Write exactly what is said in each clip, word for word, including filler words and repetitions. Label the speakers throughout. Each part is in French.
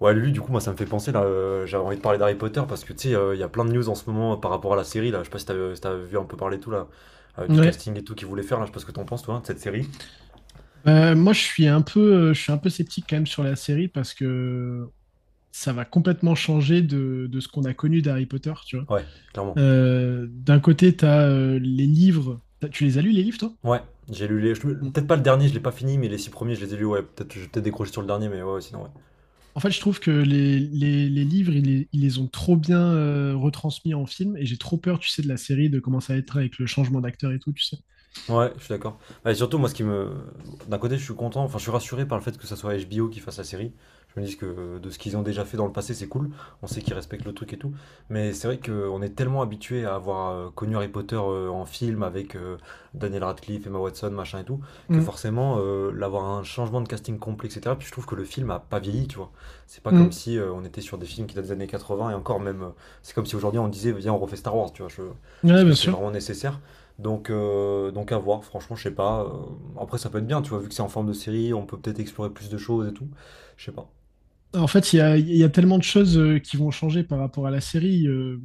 Speaker 1: Ouais, lui, du coup, moi, ça me fait penser, là, euh, j'avais envie de parler d'Harry Potter parce que, tu sais, euh, il y a plein de news en ce moment, euh, par rapport à la série, là. Je sais pas si t'as si t'as vu un peu parler et tout, là, euh, du
Speaker 2: Ouais.
Speaker 1: casting et tout qu'ils voulaient faire, là. Je sais pas ce que t'en penses, toi, hein, de cette série.
Speaker 2: Bah, moi, je suis un peu, euh, je suis un peu sceptique quand même sur la série parce que ça va complètement changer de, de ce qu'on a connu d'Harry Potter, tu vois.
Speaker 1: Ouais, clairement.
Speaker 2: Euh, d'un côté, tu as les livres. T'as- tu les as lus, les livres, toi?
Speaker 1: Ouais, j'ai lu les. Je-
Speaker 2: Mm.
Speaker 1: peut-être pas le dernier, je l'ai pas fini, mais les six premiers, je les ai lus, ouais. Peut-être, j'ai peut-être décroché sur le dernier, mais ouais, ouais, sinon, ouais.
Speaker 2: En fait, je trouve que les, les- les livres, ils les, ils les ont trop bien euh, retransmis en film et j'ai trop peur, tu sais, de la série, de comment ça va être avec le changement d'acteur et tout, tu sais.
Speaker 1: Ouais, je suis d'accord. Bah, surtout, moi, ce qui me. D'un côté, je suis content, enfin, je suis rassuré par le fait que ça soit H B O qui fasse la série. Je me dis que euh, de ce qu'ils ont déjà fait dans le passé, c'est cool. On sait qu'ils respectent le truc et tout. Mais c'est vrai qu'on est tellement habitué à avoir euh, connu Harry Potter euh, en film avec euh, Daniel Radcliffe, Emma Watson, machin et tout, que
Speaker 2: Mm.
Speaker 1: forcément, euh, l'avoir un changement de casting complet, et cetera. Puis je trouve que le film a pas vieilli, tu vois. C'est pas comme
Speaker 2: Mm.
Speaker 1: si euh, on était sur des films qui datent des années quatre-vingts et encore même. euh, c'est comme si aujourd'hui on disait, viens, on refait Star Wars, tu vois. Je... Est-ce
Speaker 2: Ouais,
Speaker 1: que
Speaker 2: bien
Speaker 1: c'est
Speaker 2: sûr.
Speaker 1: vraiment nécessaire? Donc, euh, donc à voir, franchement, je sais pas. euh, Après, ça peut être bien, tu vois, vu que c'est en forme de série, on peut peut-être explorer plus de choses et tout. Je sais pas.
Speaker 2: En fait, il y a, il y a tellement de choses euh, qui vont changer par rapport à la série. euh,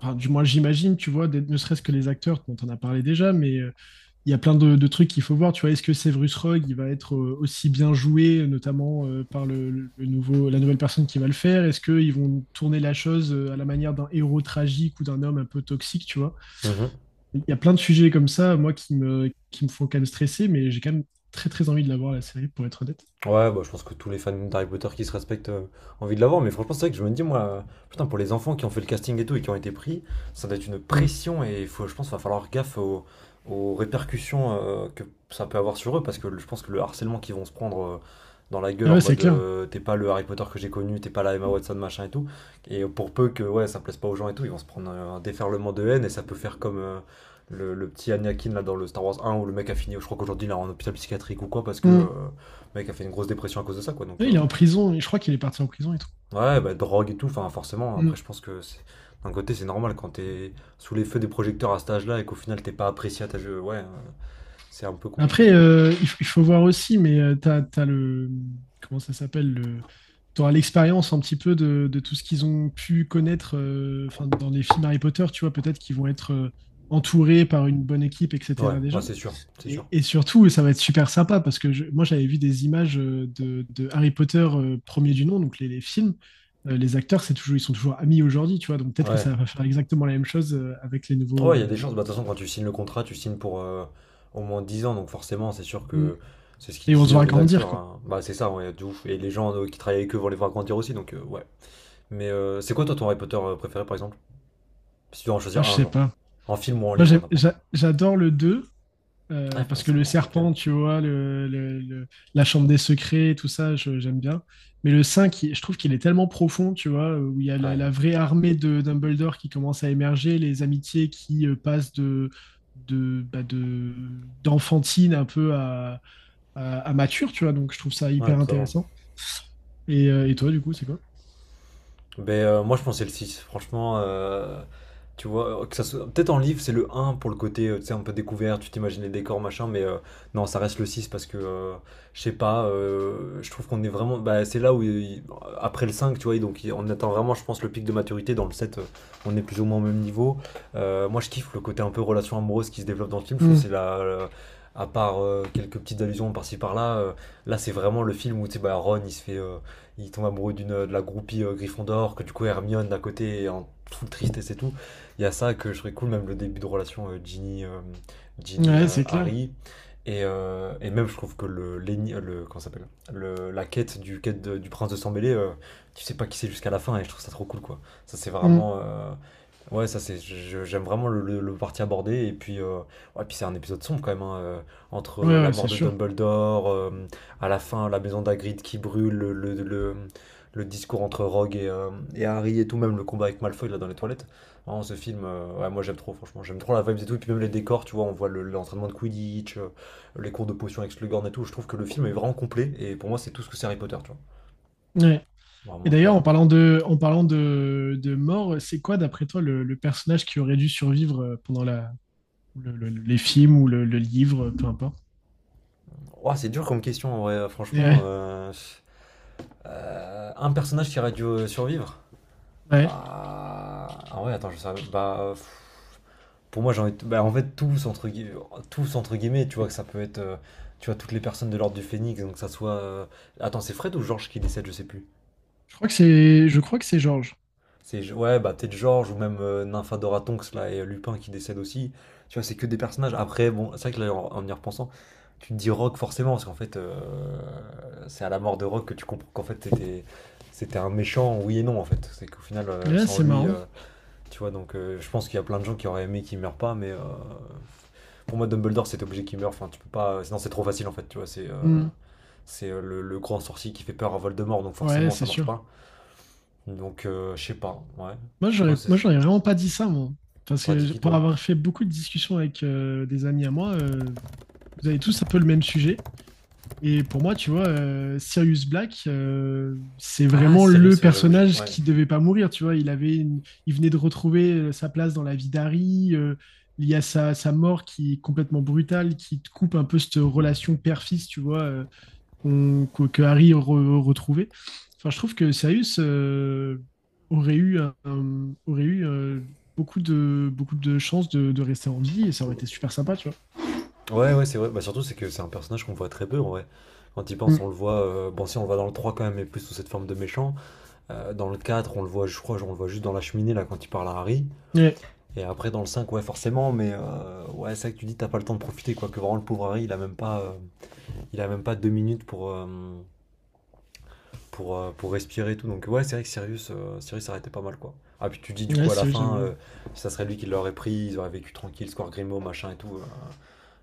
Speaker 2: Enfin, du moins, j'imagine, tu vois, des- ne serait-ce que les acteurs, dont on a parlé déjà, mais euh, il y a plein de, de trucs qu'il faut voir. Tu vois, est-ce que Severus Rogue, il va être euh, aussi bien joué, notamment euh, par le, le nouveau, la nouvelle personne qui va le faire? Est-ce qu'ils vont tourner la chose euh, à la manière d'un héros tragique ou d'un homme un peu toxique, tu vois? Il y a plein de sujets comme ça, moi, qui me, qui me font quand même stresser, mais j'ai quand même très, très envie de la voir, la série, pour être honnête.
Speaker 1: Ouais, bah, je pense que tous les fans d'Harry Potter qui se respectent euh, ont envie de l'avoir, mais franchement, c'est vrai que je me dis, moi, euh, putain, pour les enfants qui ont fait le casting et tout et qui ont été pris, ça doit être une
Speaker 2: Mm.
Speaker 1: pression et faut, je pense qu'il va falloir gaffe aux, aux répercussions, euh, que ça peut avoir sur eux parce que le- je pense que le harcèlement qu'ils vont se prendre euh, dans la gueule
Speaker 2: Ah
Speaker 1: en
Speaker 2: ouais, c'est
Speaker 1: mode
Speaker 2: clair.
Speaker 1: euh, t'es pas le Harry Potter que j'ai connu, t'es pas la Emma Watson, machin et tout, et pour peu que ouais, ça plaise pas aux gens et tout, ils vont se prendre euh, un déferlement de haine et ça peut faire comme. euh, Le, le petit Anakin là dans le Star Wars un où le mec a fini, je crois qu'aujourd'hui il est en hôpital psychiatrique ou quoi parce que euh,
Speaker 2: Mm.
Speaker 1: mec a fait une grosse dépression à cause de ça, quoi. Donc,
Speaker 2: Ouais,
Speaker 1: euh,
Speaker 2: il est en prison, et je crois qu'il est parti en prison et tout.
Speaker 1: ouais, bah, drogue et tout, enfin, forcément. Après,
Speaker 2: Mm.
Speaker 1: je pense que c'est- d'un côté, c'est normal quand t'es sous les feux des projecteurs à cet âge-là et qu'au final, t'es pas apprécié à ta jeu. Ouais, euh, c'est un peu compliqué, ouais.
Speaker 2: Après, euh, il faut, il faut voir aussi, mais euh, t'as as, le. Comment ça s'appelle le? Tu l'expérience un petit peu de, de tout ce qu'ils ont pu connaître euh, enfin, dans les films Harry Potter, tu vois, peut-être qu'ils vont être euh, entourés par une bonne équipe,
Speaker 1: Ouais,
Speaker 2: et cetera
Speaker 1: ouais,
Speaker 2: déjà.
Speaker 1: c'est sûr, c'est sûr.
Speaker 2: Et, et surtout, ça va être super sympa parce que je- moi, j'avais vu des images euh, de, de Harry Potter euh, premier du nom, donc les, les films. Euh, les acteurs, c'est toujours, ils sont toujours amis aujourd'hui, tu vois, donc peut-être que
Speaker 1: Ouais.
Speaker 2: ça va faire exactement la même chose euh, avec les nouveaux.
Speaker 1: Ouais, il y a
Speaker 2: euh,
Speaker 1: des
Speaker 2: les-
Speaker 1: chances. Bah, de toute façon, quand tu signes le contrat, tu signes pour euh, au moins dix ans, donc forcément, c'est sûr
Speaker 2: Mm.
Speaker 1: que c'est ce qu'ils
Speaker 2: Et on se
Speaker 1: disaient eux,
Speaker 2: voit
Speaker 1: les
Speaker 2: grandir,
Speaker 1: acteurs.
Speaker 2: quoi.
Speaker 1: hein. Bah, c'est ça, ouais, de ouf. Et les gens euh, qui travaillent avec eux vont les voir grandir aussi, donc, euh, ouais. Mais euh, c'est quoi, toi, ton Harry Potter euh, préféré, par exemple? Si tu dois en
Speaker 2: Ah,
Speaker 1: choisir
Speaker 2: je
Speaker 1: un,
Speaker 2: sais
Speaker 1: genre.
Speaker 2: pas.
Speaker 1: En film ou en
Speaker 2: Moi,
Speaker 1: livre,
Speaker 2: j'ai-
Speaker 1: n'importe.
Speaker 2: j'a- j'adore le deux
Speaker 1: Ah,
Speaker 2: euh, parce
Speaker 1: putain,
Speaker 2: que
Speaker 1: c'est
Speaker 2: le
Speaker 1: marrant, ok.
Speaker 2: serpent, tu vois, le, le- le- la chambre des secrets, tout ça, je- j'aime bien. Mais le cinq il- je trouve qu'il est tellement profond, tu vois, où il y a la,
Speaker 1: Ouais,
Speaker 2: la vraie armée de Dumbledore qui commence à émerger, les amitiés qui euh, passent de, de, bah, de- d'enfantine un peu à, à- à mature, tu vois. Donc, je trouve ça
Speaker 1: ouais,
Speaker 2: hyper
Speaker 1: totalement.
Speaker 2: intéressant. Et, euh, et toi, du coup, c'est quoi?
Speaker 1: ben euh, moi, je pensais le six Franchement, euh, tu vois, euh, que ça soit... peut-être en livre, c'est le un pour le côté, euh, tu sais, un peu découvert, tu t'imagines les décors, machin, mais euh, non, ça reste le six parce que, euh, je sais pas, euh, je trouve qu'on est vraiment. Bah, c'est là où, il- après le cinq, tu vois, donc il- on attend vraiment, je pense, le pic de maturité. Dans le sept euh, on est plus ou moins au même niveau. Euh, moi, je kiffe le côté un peu relation amoureuse qui se développe dans le film. Je trouve que
Speaker 2: Mm.
Speaker 1: c'est la. la- à part euh, quelques petites allusions par-ci par-là, euh, là c'est vraiment le film où tu sais, bah, Ron il se fait euh, il tombe amoureux d'une euh, de la groupie euh, Gryffondor, que du coup Hermione d'à côté est en full tristesse et tout. Il y a ça que je trouve cool, même le début de relation euh, Ginny, euh, Ginny,
Speaker 2: Ouais,
Speaker 1: euh,
Speaker 2: c'est clair.
Speaker 1: Harry. Et, euh, et même je trouve que le, euh, le comment ça s'appelle le, la quête du quête de- du prince de sang mêlé, euh, tu sais pas qui c'est jusqu'à la fin et je trouve ça trop cool quoi. Ça c'est
Speaker 2: Mm.
Speaker 1: vraiment euh, ouais, ça c'est je- j'aime vraiment le, le, le parti abordé et puis euh, ouais puis c'est un épisode sombre quand même, hein, euh, entre
Speaker 2: Ouais,
Speaker 1: euh, la
Speaker 2: ouais,
Speaker 1: mort
Speaker 2: c'est
Speaker 1: de
Speaker 2: sûr.
Speaker 1: Dumbledore euh, à la fin, la maison d'Agrid qui brûle, le, le, le- le discours entre Rogue et, euh, et Harry et tout, même le combat avec Malfoy là dans les toilettes. Vraiment, ce film, euh, ouais, moi j'aime trop, franchement, j'aime trop la vibe et tout, et puis même les décors, tu vois, on voit le- l'entraînement de Quidditch, euh, les cours de potion avec Slughorn et tout, je trouve que le film est vraiment complet, et pour moi c'est tout ce que c'est Harry Potter, tu
Speaker 2: Ouais.
Speaker 1: vois.
Speaker 2: Et
Speaker 1: Vraiment, je sais
Speaker 2: d'ailleurs, en
Speaker 1: pas.
Speaker 2: parlant de, en parlant de, de mort, c'est quoi, d'après toi, le, le personnage qui aurait dû survivre euh, pendant la, le- le- les films ou le, le livre, euh, peu importe?
Speaker 1: Ouah, c'est dur comme question, en vrai. Euh,
Speaker 2: Et
Speaker 1: franchement.
Speaker 2: ouais,
Speaker 1: Euh, euh, un personnage qui aurait dû euh, survivre.
Speaker 2: ouais.
Speaker 1: Bah. Ah ouais, attends, je sais. Bah. Pff, pour moi, j'ai envie de- bah, en fait, tous entre, gui- tous, entre guillemets, tu vois, que ça peut être, euh, tu vois, toutes les personnes de l'ordre du Phénix, donc que ça soit... euh, attends, c'est Fred ou Georges qui décède, je sais plus.
Speaker 2: Je crois que c'est, je crois que c'est Georges.
Speaker 1: C'est, ouais, bah peut-être Georges ou même euh, Nymphadora Tonks, là, et euh, Lupin qui décède aussi. Tu vois, c'est que des personnages. Après, bon, c'est vrai que là, en, en y repensant, tu te dis Rock forcément, parce qu'en fait, euh, c'est à la mort de Rock que tu comprends qu'en fait, c'était... c'était un méchant, oui et non en fait. C'est qu'au final, euh,
Speaker 2: Ouais,
Speaker 1: sans
Speaker 2: c'est
Speaker 1: lui,
Speaker 2: marrant.
Speaker 1: euh, tu vois, donc euh, je pense qu'il y a plein de gens qui auraient aimé qu'il meure pas, mais euh, pour moi, Dumbledore, c'est obligé qu'il meure. Enfin, tu peux pas. euh, Sinon, c'est trop facile en fait. Tu vois, c'est euh,
Speaker 2: Hmm.
Speaker 1: c'est euh, le, le grand sorcier qui fait peur à Voldemort, donc
Speaker 2: Ouais,
Speaker 1: forcément, ça
Speaker 2: c'est
Speaker 1: marche
Speaker 2: sûr.
Speaker 1: pas. Donc, euh, je sais pas. Ouais.
Speaker 2: Moi,
Speaker 1: Toi,
Speaker 2: j'aurais,
Speaker 1: c'est
Speaker 2: moi,
Speaker 1: ça.
Speaker 2: j'aurais vraiment pas dit ça, moi. Parce
Speaker 1: T'as dit
Speaker 2: que
Speaker 1: qui
Speaker 2: pour
Speaker 1: toi?
Speaker 2: avoir fait beaucoup de discussions avec euh, des amis à moi, euh, vous avez tous un peu le même sujet. Et pour moi, tu vois, euh, Sirius Black, euh, c'est
Speaker 1: Ah,
Speaker 2: vraiment le
Speaker 1: Sirius, ouais, j'avoue, j'ai.
Speaker 2: personnage
Speaker 1: Ouais,
Speaker 2: qui devait pas mourir. Tu vois, il avait une- il venait de retrouver euh, sa place dans la vie d'Harry. Euh, il y a sa, sa mort qui est complètement brutale, qui te coupe un peu cette relation père-fils, tu vois, euh, qu'on- que, que Harry re- retrouvait. Enfin, je trouve que Sirius euh, aurait eu, un- un- aurait eu euh, beaucoup de, beaucoup de chances de, de rester en vie et ça aurait été super sympa, tu vois.
Speaker 1: ouais, ouais, c'est vrai. Bah, surtout, c'est que c'est un personnage qu'on voit très peu en vrai. Quand il pense,
Speaker 2: Mm.
Speaker 1: on le voit. euh, Bon, si on le voit dans le trois, quand même, mais plus sous cette forme de méchant. Euh, dans le quatre, on le voit, je crois, on le voit juste dans la cheminée là quand il parle à Harry.
Speaker 2: Ouais,
Speaker 1: Et après, dans le cinq, ouais, forcément, mais euh, ouais, c'est ça que tu dis, t'as pas le temps de profiter quoi. Que vraiment, le pauvre Harry, il a même pas. Euh, il a même pas deux minutes pour, euh, pour, euh, pour respirer et tout. Donc ouais, c'est vrai que Sirius, euh, Sirius arrêtait pas mal quoi. Ah puis tu dis du
Speaker 2: ouais,
Speaker 1: coup à la
Speaker 2: c'est vrai, j'aime
Speaker 1: fin, euh,
Speaker 2: bien.
Speaker 1: ça serait lui qui l'aurait pris, ils auraient vécu tranquille, score Grimaud, machin et tout. euh,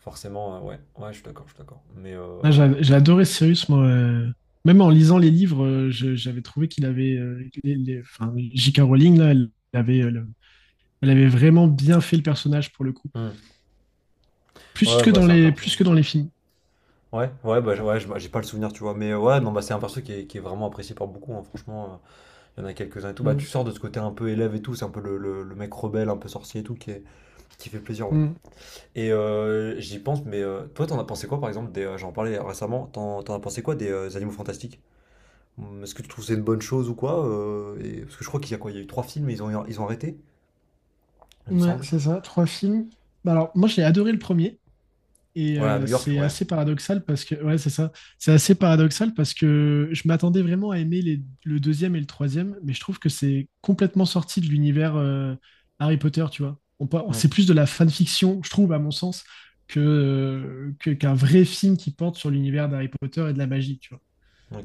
Speaker 1: Forcément, euh, ouais, ouais, je suis d'accord, je suis d'accord. Mais euh...
Speaker 2: Ah, j'a- j'ai adoré Cyrus, moi. euh, Même en lisant les livres, euh, je- j'avais trouvé qu'il avait. Euh, les, les- enfin, J K. Rowling, là, elle avait, euh, le- elle avait vraiment bien fait le personnage pour le coup.
Speaker 1: hmm.
Speaker 2: Plus
Speaker 1: Ouais,
Speaker 2: que
Speaker 1: bah
Speaker 2: dans
Speaker 1: c'est un
Speaker 2: les,
Speaker 1: perso.
Speaker 2: plus que dans les films.
Speaker 1: Ouais, ouais, bah ouais, j'ai j'ai pas le souvenir, tu vois. Mais euh, ouais, non, bah c'est un perso qui est, qui est vraiment apprécié par beaucoup, hein, franchement. euh, Il y en a quelques-uns et tout. Bah tu
Speaker 2: Mm.
Speaker 1: sors de ce côté un peu élève et tout, c'est un peu le, le, le mec rebelle, un peu sorcier et tout, qui, est- qui fait plaisir, ouais.
Speaker 2: Mm.
Speaker 1: Et euh, j'y pense, mais euh, toi, t'en as pensé quoi, par exemple, des, euh, j'en parlais récemment, t'en, t'en as pensé quoi des euh, Animaux Fantastiques? Hum, Est-ce que tu trouves que c'est une bonne chose ou quoi? Euh, et- parce que je crois qu'il y a quoi? Il y a eu trois films et ils ont, ils ont arrêté, il me
Speaker 2: Ouais,
Speaker 1: semble.
Speaker 2: c'est ça, trois films. Bah alors, moi, j'ai adoré le premier. Et
Speaker 1: Ouais, à
Speaker 2: euh,
Speaker 1: New York,
Speaker 2: c'est
Speaker 1: ouais.
Speaker 2: assez paradoxal parce que, ouais, c'est ça. C'est assez paradoxal parce que je m'attendais vraiment à aimer les- le deuxième et le troisième, mais je trouve que c'est complètement sorti de l'univers euh, Harry Potter, tu vois. On, par- c'est
Speaker 1: Hum,
Speaker 2: plus de la fanfiction, je trouve, à mon sens, que, euh, que- qu'un vrai film qui porte sur l'univers d'Harry Potter et de la magie, tu vois.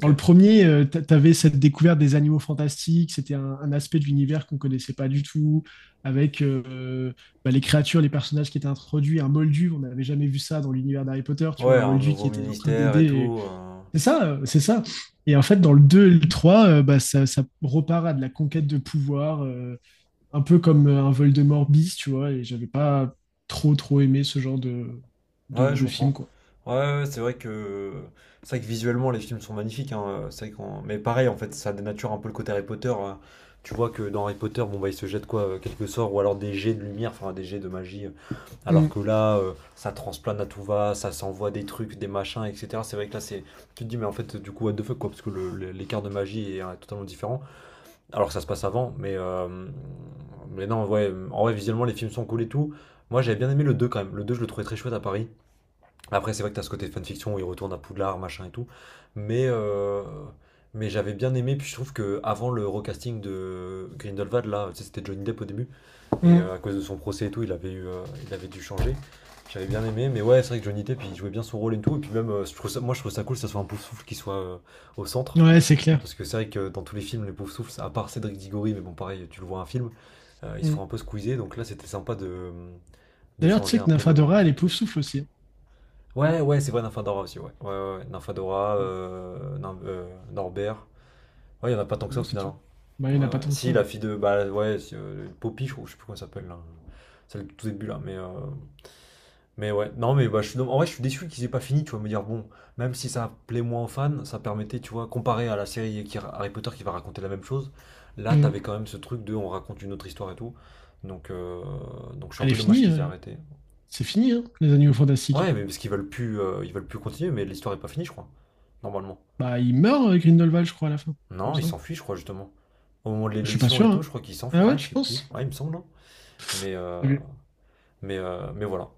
Speaker 2: Dans le premier, euh, t'a- t'avais cette découverte des animaux fantastiques, c'était un, un aspect de l'univers qu'on ne connaissait pas du tout, avec euh, bah, les créatures, les personnages qui étaient introduits, un Moldu, on n'avait jamais vu ça dans l'univers d'Harry Potter, tu vois,
Speaker 1: Ouais,
Speaker 2: un
Speaker 1: un
Speaker 2: Moldu qui
Speaker 1: nouveau
Speaker 2: était en train
Speaker 1: ministère et
Speaker 2: d'aider. les-
Speaker 1: tout. euh,
Speaker 2: C'est ça, euh, c'est ça. Et en fait, dans le deux, et le trois, euh, bah, ça, ça repart à de la conquête de pouvoir, euh, un peu comme euh, un Voldemort bis, tu vois, et j'avais pas trop, trop aimé ce genre de,
Speaker 1: Ouais,
Speaker 2: de,
Speaker 1: je
Speaker 2: de film,
Speaker 1: comprends.
Speaker 2: quoi.
Speaker 1: Ouais, ouais, ouais, c'est vrai que c'est vrai que visuellement les films sont magnifiques, hein, euh, c'est vrai qu'on- mais pareil en fait, ça dénature un peu le côté Harry Potter. hein. Tu vois que dans Harry Potter, bon bah il se jette quoi euh, quelques sorts ou alors des jets de lumière, enfin des jets de magie, euh, alors
Speaker 2: Mm,
Speaker 1: que là euh, ça transplane à tout va, ça s'envoie des trucs, des machins et cetera. C'est vrai que là c'est tu te dis mais en fait du coup what the fuck quoi parce que le- le- l'écart de magie est euh, totalement différent alors que ça se passe avant, mais euh, mais non, ouais, en vrai visuellement les films sont cool et tout. Moi, j'avais bien aimé le deux quand même. Le deux je le trouvais très chouette à Paris. Après, c'est vrai que t'as ce côté de fanfiction où il retourne à Poudlard, machin et tout. Mais, euh, mais j'avais bien aimé. Puis je trouve que avant le recasting de Grindelwald, là, tu sais, c'était Johnny Depp au début. Et euh, à
Speaker 2: mm.
Speaker 1: cause de son procès et tout, il avait, eu, euh, il avait dû changer. J'avais bien aimé. Mais ouais, c'est vrai que Johnny Depp, il jouait bien son rôle et tout. Et puis même, euh, je trouve ça- moi, je trouve ça cool que ça soit un Poufsouffle qui soit euh, au centre.
Speaker 2: Ouais, c'est clair.
Speaker 1: Parce que c'est vrai que dans tous les films, les Poufsouffles à part Cédric Diggory, mais bon, pareil, tu le vois un film, euh, ils se font
Speaker 2: Mm.
Speaker 1: un peu squeezer. Donc là, c'était sympa de, de
Speaker 2: D'ailleurs, tu
Speaker 1: changer
Speaker 2: sais
Speaker 1: un
Speaker 2: que
Speaker 1: peu le,
Speaker 2: Nafadora, elle
Speaker 1: le
Speaker 2: est pouf
Speaker 1: truc.
Speaker 2: souffle aussi, hein.
Speaker 1: Ouais, ouais, c'est vrai, Nymphadora aussi, ouais. Ouais, ouais, ouais. Nymphadora, euh, Nym- euh, Norbert. Ouais, il n'y en a pas tant que ça
Speaker 2: Ouais,
Speaker 1: au
Speaker 2: c'est
Speaker 1: final,
Speaker 2: tout.
Speaker 1: hein.
Speaker 2: Bah, il n'y en
Speaker 1: Ouais,
Speaker 2: a pas
Speaker 1: ouais.
Speaker 2: tant que ça.
Speaker 1: Si, la
Speaker 2: Ouais.
Speaker 1: fille de. Bah, ouais, si, euh, Poppy, je crois, je sais plus comment elle s'appelle là. Celle du tout début là, mais. euh, mais ouais, non, mais bah, je suis... en vrai, je suis déçu qu'ils aient pas fini, tu vois. Me dire, bon, même si ça plaît moins aux fans, ça permettait, tu vois, comparé à la série qui... Harry Potter qui va raconter la même chose, là, t'avais
Speaker 2: Mm.
Speaker 1: quand même ce truc de on raconte une autre histoire et tout. Donc, euh, Donc je suis un
Speaker 2: Elle est
Speaker 1: peu dommage
Speaker 2: finie.
Speaker 1: qu'ils aient
Speaker 2: euh,
Speaker 1: arrêté.
Speaker 2: C'est fini, hein, les animaux fantastiques.
Speaker 1: Ouais, mais parce qu'ils veulent plus, euh, ils veulent plus continuer, mais l'histoire est pas finie, je crois. Normalement.
Speaker 2: Bah, il meurt, euh, Grindelwald, je crois, à la fin. Il me
Speaker 1: Non, ils
Speaker 2: semble.
Speaker 1: s'enfuient, je crois, justement. Au moment de
Speaker 2: Je suis pas
Speaker 1: l'élection
Speaker 2: sûr,
Speaker 1: et tout,
Speaker 2: hein.
Speaker 1: je crois qu'ils s'enfuient.
Speaker 2: Ah ouais,
Speaker 1: Ah, je
Speaker 2: tu
Speaker 1: sais plus.
Speaker 2: penses?
Speaker 1: Ouais, il me semble, non. Mais, euh,
Speaker 2: Je l'ai vu.
Speaker 1: mais, euh, mais voilà.